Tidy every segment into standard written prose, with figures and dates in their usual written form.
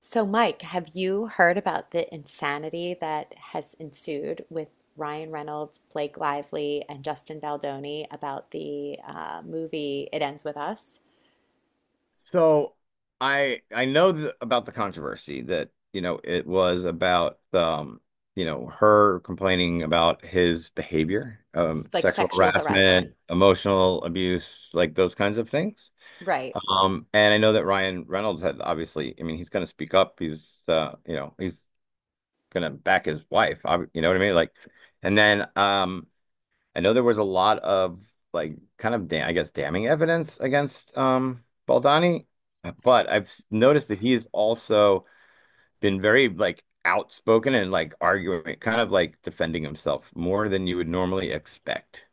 So, Mike, have you heard about the insanity that has ensued with Ryan Reynolds, Blake Lively, and Justin Baldoni about the movie It Ends With Us? So I know th about the controversy that it was about her complaining about his behavior, It's like sexual sexual harassment. harassment, emotional abuse, like those kinds of things. Right. And I know that Ryan Reynolds had obviously, I mean, he's going to speak up. He's going to back his wife. You know what I mean? Like, and then I know there was a lot of like kind of da I guess damning evidence against Baldani but I've noticed that he has also been very like outspoken and like arguing, kind of like defending himself more than you would normally expect.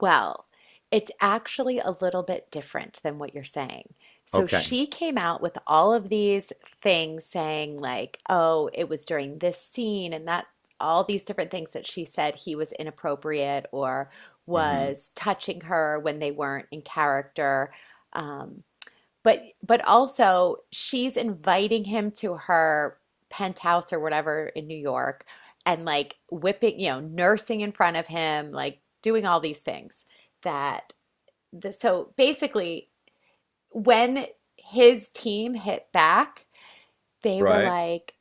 Well, it's actually a little bit different than what you're saying. So Okay. she came out with all of these things saying, like, oh, it was during this scene and that, all these different things that she said he was inappropriate or Hmm. was touching her when they weren't in character. Um, but also she's inviting him to her penthouse or whatever in New York and like whipping, you know, nursing in front of him, like doing all these things that so basically when his team hit back, they were Right. like,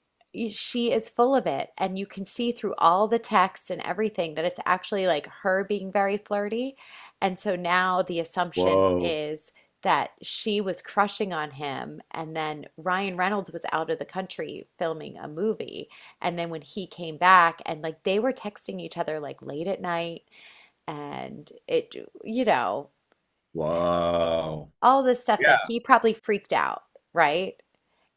she is full of it. And you can see through all the texts and everything that it's actually like her being very flirty. And so now the assumption Whoa. is that she was crushing on him. And then Ryan Reynolds was out of the country filming a movie. And then when he came back, and like they were texting each other like late at night, and it, you know, Whoa. all this stuff that Yeah. he probably freaked out, right?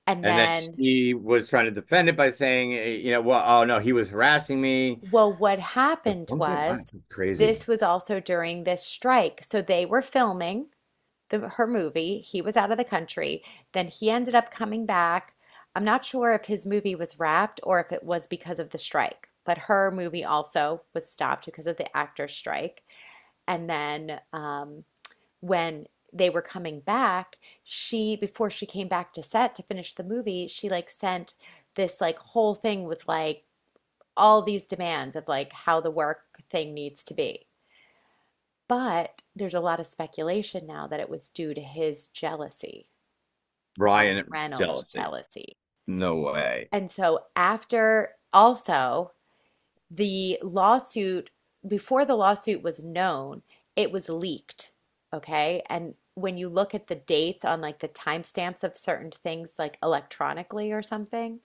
And And then then she was trying to defend it by saying, you know, well, oh no, he was harassing me well, what or happened something. Wow, was this crazy. was also during this strike. So they were filming her movie. He was out of the country. Then he ended up coming back. I'm not sure if his movie was wrapped or if it was because of the strike, but her movie also was stopped because of the actor's strike. And then when they were coming back, she, before she came back to set to finish the movie, she like sent this like whole thing with like, all these demands of like how the work thing needs to be. But there's a lot of speculation now that it was due to his jealousy, Ryan Ryan Reynolds' jealousy. jealousy. No way. And so, after also the lawsuit, before the lawsuit was known, it was leaked. Okay. And when you look at the dates on like the timestamps of certain things, like electronically or something,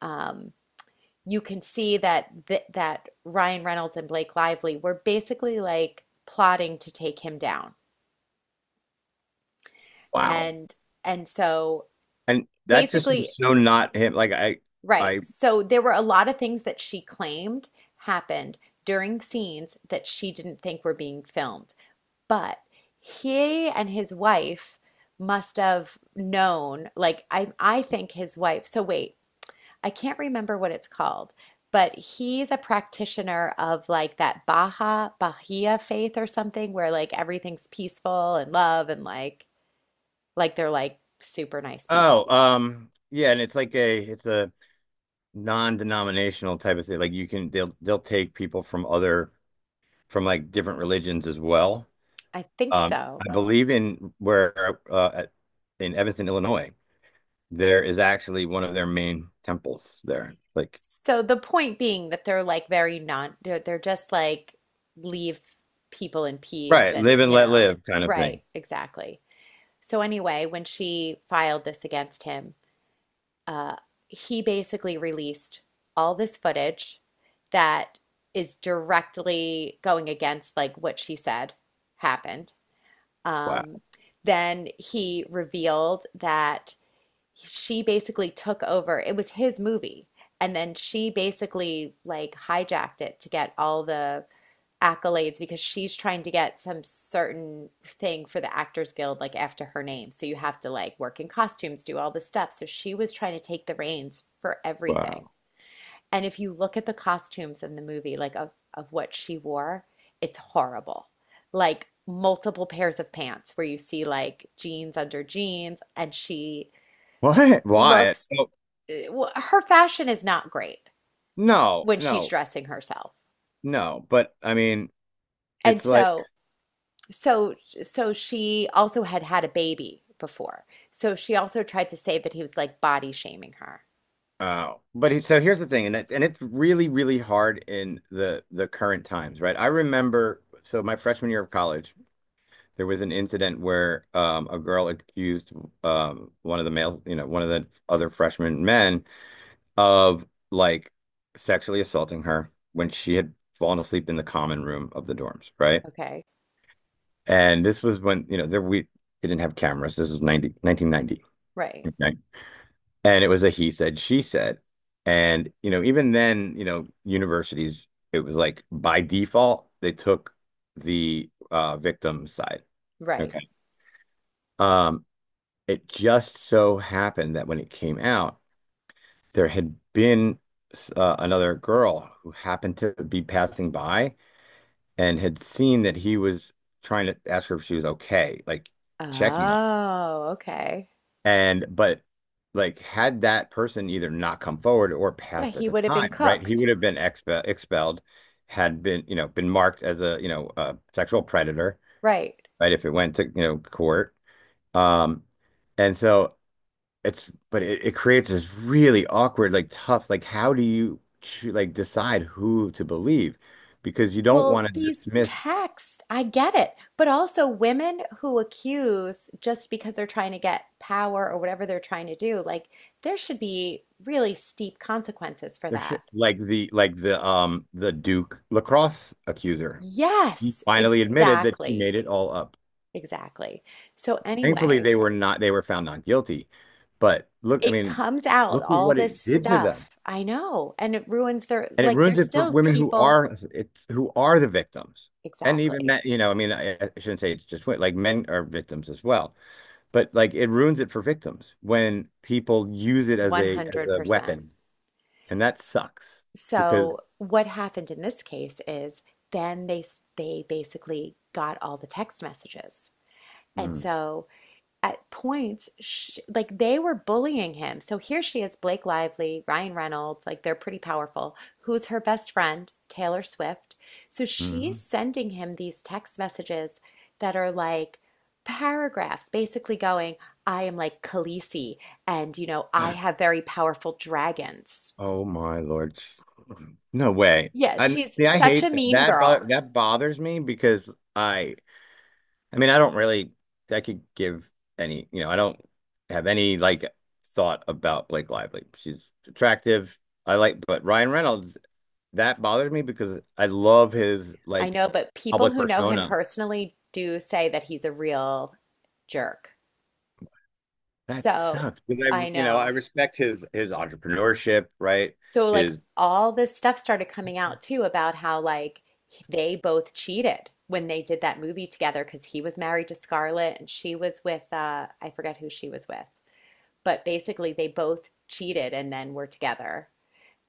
um, you can see that th that Ryan Reynolds and Blake Lively were basically like plotting to take him down. Wow. And and so And that just basically, seems so not him. Like I, right. I So there were a lot of things that she claimed happened during scenes that she didn't think were being filmed. But he and his wife must have known, like I think his wife. So wait, I can't remember what it's called, but he's a practitioner of like that Baha Bahia faith or something where like everything's peaceful and love and like they're like super nice people. Oh, yeah, and it's like a non-denominational type of thing. Like you can they'll take people from like different religions as well. I think so. I believe in Evanston, Illinois, there is actually one of their main temples there. Like. So the point being that they're like very non they're just like leave people in peace Right, and live and you let know. live kind of Right, thing. exactly. So anyway, when she filed this against him, uh, he basically released all this footage that is directly going against like what she said happened. Wow. Um, then he revealed that she basically took over. It was his movie, and then she basically like hijacked it to get all the accolades because she's trying to get some certain thing for the Actors Guild, like after her name. So you have to like work in costumes, do all this stuff. So she was trying to take the reins for everything. Wow. And if you look at the costumes in the movie, like of what she wore, it's horrible. Like multiple pairs of pants where you see like jeans under jeans, and she What? Why? looks, So, eh, well, her fashion is not great no, when she's no, dressing herself. no. But I mean, And it's like. so so, so she also had a baby before. So she also tried to say that he was like body shaming her. But so here's the thing, and it's really, really hard in the current times, right? I remember, so my freshman year of college, there was an incident where a girl accused one of the males, you know, one of the other freshman men of like sexually assaulting her when she had fallen asleep in the common room of the dorms, right? Okay. And this was when, you know, there we didn't have cameras. This is 90 1990. Right. Okay? And it was a he said, she said. And, you know, even then, you know, universities, it was like by default, they took the victim's side. Right. Okay. Um, it just so happened that when it came out, there had been another girl who happened to be passing by and had seen that he was trying to ask her if she was okay, like checking on. Oh, okay. And but like had that person either not come forward or Yeah, passed at he the would have been time, right? He cooked. would have been expelled, had been, you know, been marked as a sexual predator, Right. right? If it went to, you know, court. Um, and so it creates this really awkward, like tough, like how do you like decide who to believe? Because you don't Well, want to these dismiss texts, I get it. But also women who accuse just because they're trying to get power or whatever they're trying to do, like there should be really steep consequences for their that. shit. Like the Duke lacrosse accuser. She Yes, finally admitted that she exactly. made it all up. Exactly. So Thankfully, anyway, they were found not guilty. But look, I it mean, comes out, look at all what this it did to them. stuff. I know. And it ruins their, And it like, ruins there's it for still women who people. are it's who are the victims. And even Exactly. men, you know, I mean, I shouldn't say it's just women, like men are victims as well. But like it ruins it for victims when people use it as a 100%. weapon. And that sucks because. So what happened in this case is then they basically got all the text messages. And Mm. so at points, sh like they were bullying him. So here she is, Blake Lively, Ryan Reynolds, like they're pretty powerful. Who's her best friend? Taylor Swift. So she's Mhm. sending him these text messages that are like paragraphs, basically going, I am like Khaleesi, and you know, I have very powerful dragons. Oh my Lord. No way. Yeah, I she's see I such a hate that. mean That bo girl. that bothers me because I I mean, I don't really, I could give any, you know, I don't have any like thought about Blake Lively. She's attractive. But Ryan Reynolds, that bothered me because I love his I like know, but people public who know him persona. personally do say that he's a real jerk. That So sucks because I, I you know, I know. respect his entrepreneurship, right? So like His. all this stuff started coming out too about how like they both cheated when they did that movie together because he was married to Scarlett and she was with I forget who she was with. But basically they both cheated and then were together.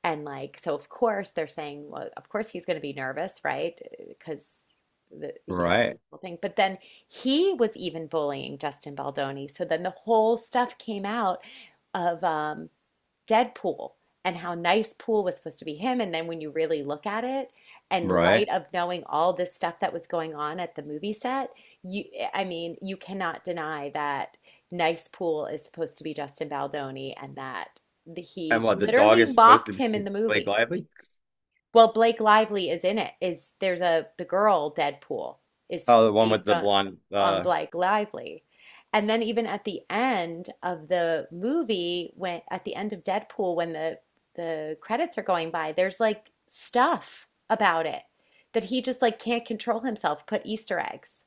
And like so of course they're saying well of course he's going to be nervous, right? Because the Right, whole thing. But then he was even bullying Justin Baldoni. So then the whole stuff came out of Deadpool and how nice Pool was supposed to be him. And then when you really look at it, and right. light of knowing all this stuff that was going on at the movie set, you, I mean, you cannot deny that nice Pool is supposed to be Justin Baldoni and that And he what the dog literally is supposed to mocked be him in the Blake movie. Lively? Well, Blake Lively is in it. Is there's a the girl Deadpool is Oh, the one with based the blonde. on Blake Lively. And then even at the end of the movie, when at the end of Deadpool, when the credits are going by, there's like stuff about it that he just like can't control himself, put Easter eggs.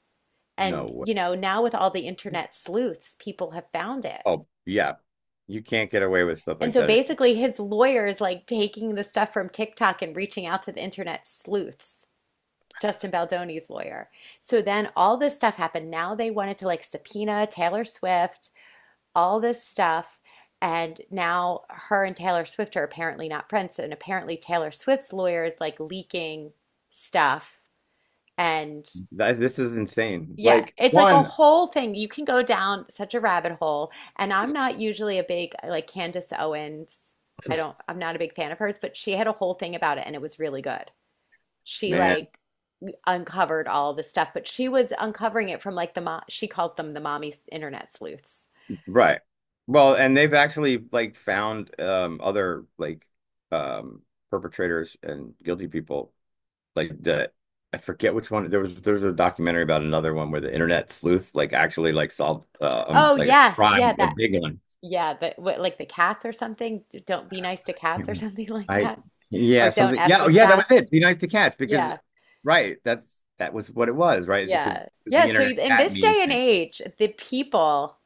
No And way. you know, now with all the internet sleuths, people have found it. Oh, yeah. You can't get away with stuff And like so that. basically his lawyer is like taking the stuff from TikTok and reaching out to the internet sleuths Justin Baldoni's lawyer. So then all this stuff happened. Now they wanted to like subpoena Taylor Swift, all this stuff. And now her and Taylor Swift are apparently not friends. And apparently Taylor Swift's lawyer is like leaking stuff. And This is insane. yeah, Like it's like a one whole thing. You can go down such a rabbit hole. And I'm not usually a big, like Candace Owens, I don't, I'm not a big fan of hers, but she had a whole thing about it and it was really good. She man, like uncovered all this stuff, but she was uncovering it from like the mom, she calls them the mommy internet sleuths. right? Well, and they've actually like found other like um perpetrators and guilty people like that. I forget which one. There's a documentary about another one where the internet sleuths like actually like solved Oh, like a yes. Yeah, crime, a that, big one. yeah, but what, like the cats or something? Don't be nice to cats Can't or remember. something like I that. Yeah, Or don't something. F Yeah. Oh, with yeah, that was it. cats. Be nice to cats because Yeah, right that was what it was, right, because yeah. Yeah, the so internet in cat this meme day and thing. age, the people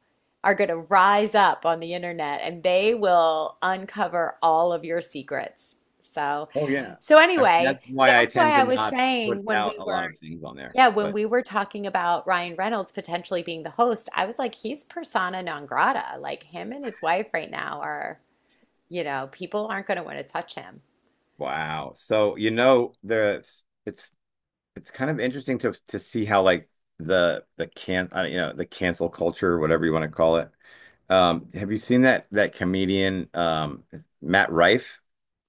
are going to rise up on the internet and they will uncover all of your secrets. So, Oh, yeah. so I mean, anyway, that's why I that's why tend to I was not put saying when out we a were lot of things on there. yeah, when But we were talking about Ryan Reynolds potentially being the host, I was like, he's persona non grata. Like him and his wife right now are, you know, people aren't going to want to touch him. wow. So you know the it's it's kind of interesting to see how like the can I don't- you know the cancel culture, whatever you want to call it. Have you seen that comedian Matt Rife?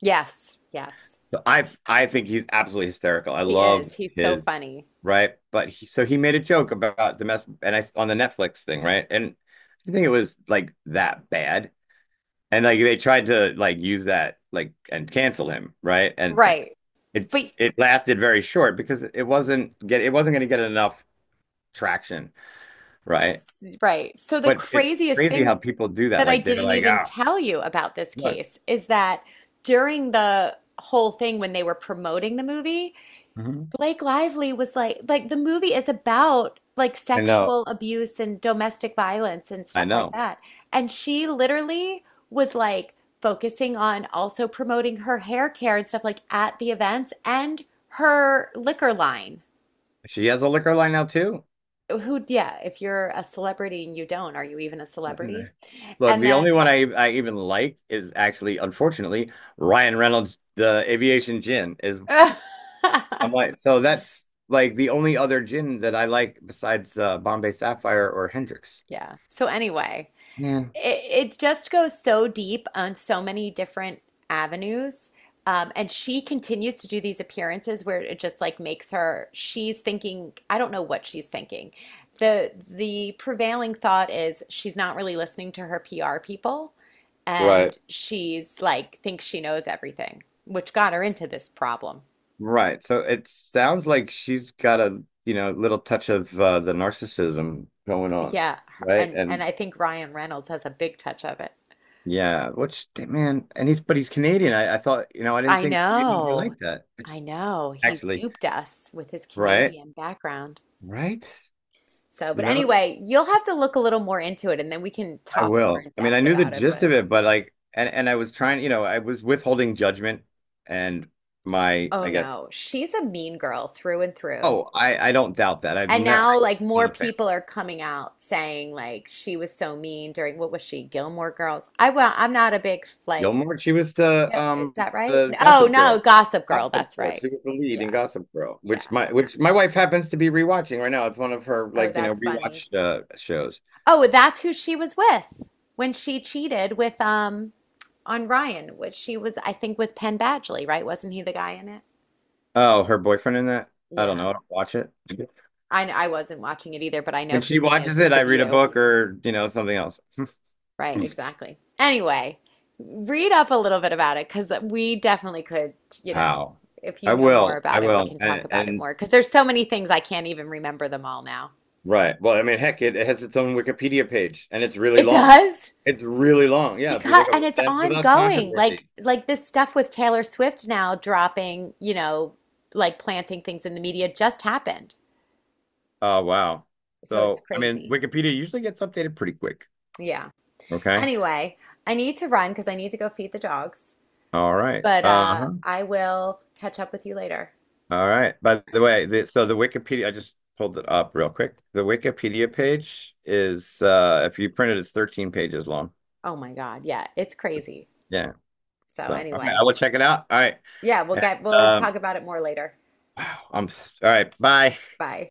Yes, yes. So I think he's absolutely hysterical. I He love is. He's so his. funny. Right, but he made a joke about the mess and I on the Netflix thing, right? And I think it was like that bad. And like they tried to like use that like and cancel him, right? And th Right. it's But it lasted very short because it wasn't going to get enough traction, right? right. So the But it's craziest crazy how thing people do that. that I Like they're didn't like, even ah, tell you about this what? case is that during the whole thing when they were promoting the movie, Mhm. Blake Lively was like the movie is about like I know, sexual abuse and domestic violence and I stuff like know. that. And she literally was like focusing on also promoting her hair care and stuff like at the events and her liquor line. She has a liquor line now too. Who, yeah, if you're a celebrity and you don't, are you even a And, celebrity? look, And the only then, one I even like is actually, unfortunately, Ryan Reynolds. The aviation gin is. I'm like, so that's like the only other gin that I like besides Bombay Sapphire or Hendrix. yeah. So anyway, Man. it just goes so deep on so many different avenues. And she continues to do these appearances where it just like makes her, she's thinking, I don't know what she's thinking. The prevailing thought is she's not really listening to her PR people Right. and she's like thinks she knows everything, which got her into this problem. Right. So it sounds like she's got a, you know, little touch of the narcissism going on, Yeah, right? and And I think Ryan Reynolds has a big touch of it. yeah, which man, and he's Canadian. I thought, you know, I didn't I think maybe he know. like that I know. He actually, duped us with his right? Canadian background. Right? So, You but know, anyway, you'll have to look a little more into it and then we can I talk more will. in I mean, I depth knew the about it. gist of But it, but like, and I was trying, you know, I was withholding judgment and my, oh I guess, no, she's a mean girl through and through. Oh, I don't doubt that. I've And never now, I'm like, not more a fan. people are coming out saying, like, she was so mean during what was she, Gilmore Girls? I well, I'm not a big, like, Gilmore, she was the no, is um that right? the Oh Gossip no, Girl. Gossip Girl. Gossip That's Girl. right. She was the lead in Yeah. Gossip Girl, Yeah. which my wife happens to be rewatching right now. It's one of her Oh, like, you know, that's funny. rewatched shows. Oh, that's who she was with when she cheated with on Ryan, which she was, I think, with Penn Badgley, right? Wasn't he the guy in it? Oh, her boyfriend in that? I don't Yeah. know. I don't watch it. I wasn't watching it either, but I know When she who he is watches it, because I of read a you. book or, you know, something else. Right, exactly. Anyway, read up a little bit about it because we definitely could, you know, How? if you I know more will. I about it, we will. can talk And about it and more because there's so many things I can't even remember them all now. right. Well, I mean, heck, it has its own Wikipedia page and it's really It long. does? It's really long. Yeah, if you Because look up and it it's stands for thus ongoing controversy. like this stuff with Taylor Swift now dropping you know like planting things in the media just happened Oh, wow. so it's So, I mean, crazy. Wikipedia usually gets updated pretty quick. Yeah, Okay. anyway, I need to run because I need to go feed the dogs All right. but Uh-huh. I will catch up with you later. All right. By All the right. way, so the Wikipedia, I just pulled it up real quick. The Wikipedia page is, if you print it, it's 13 pages long. Oh my God, yeah, it's crazy. Yeah. So So, all right, I anyway, will check it out. All right. yeah, we'll And, get we'll um, talk about it more later. wow. I'm all right. Bye. Bye.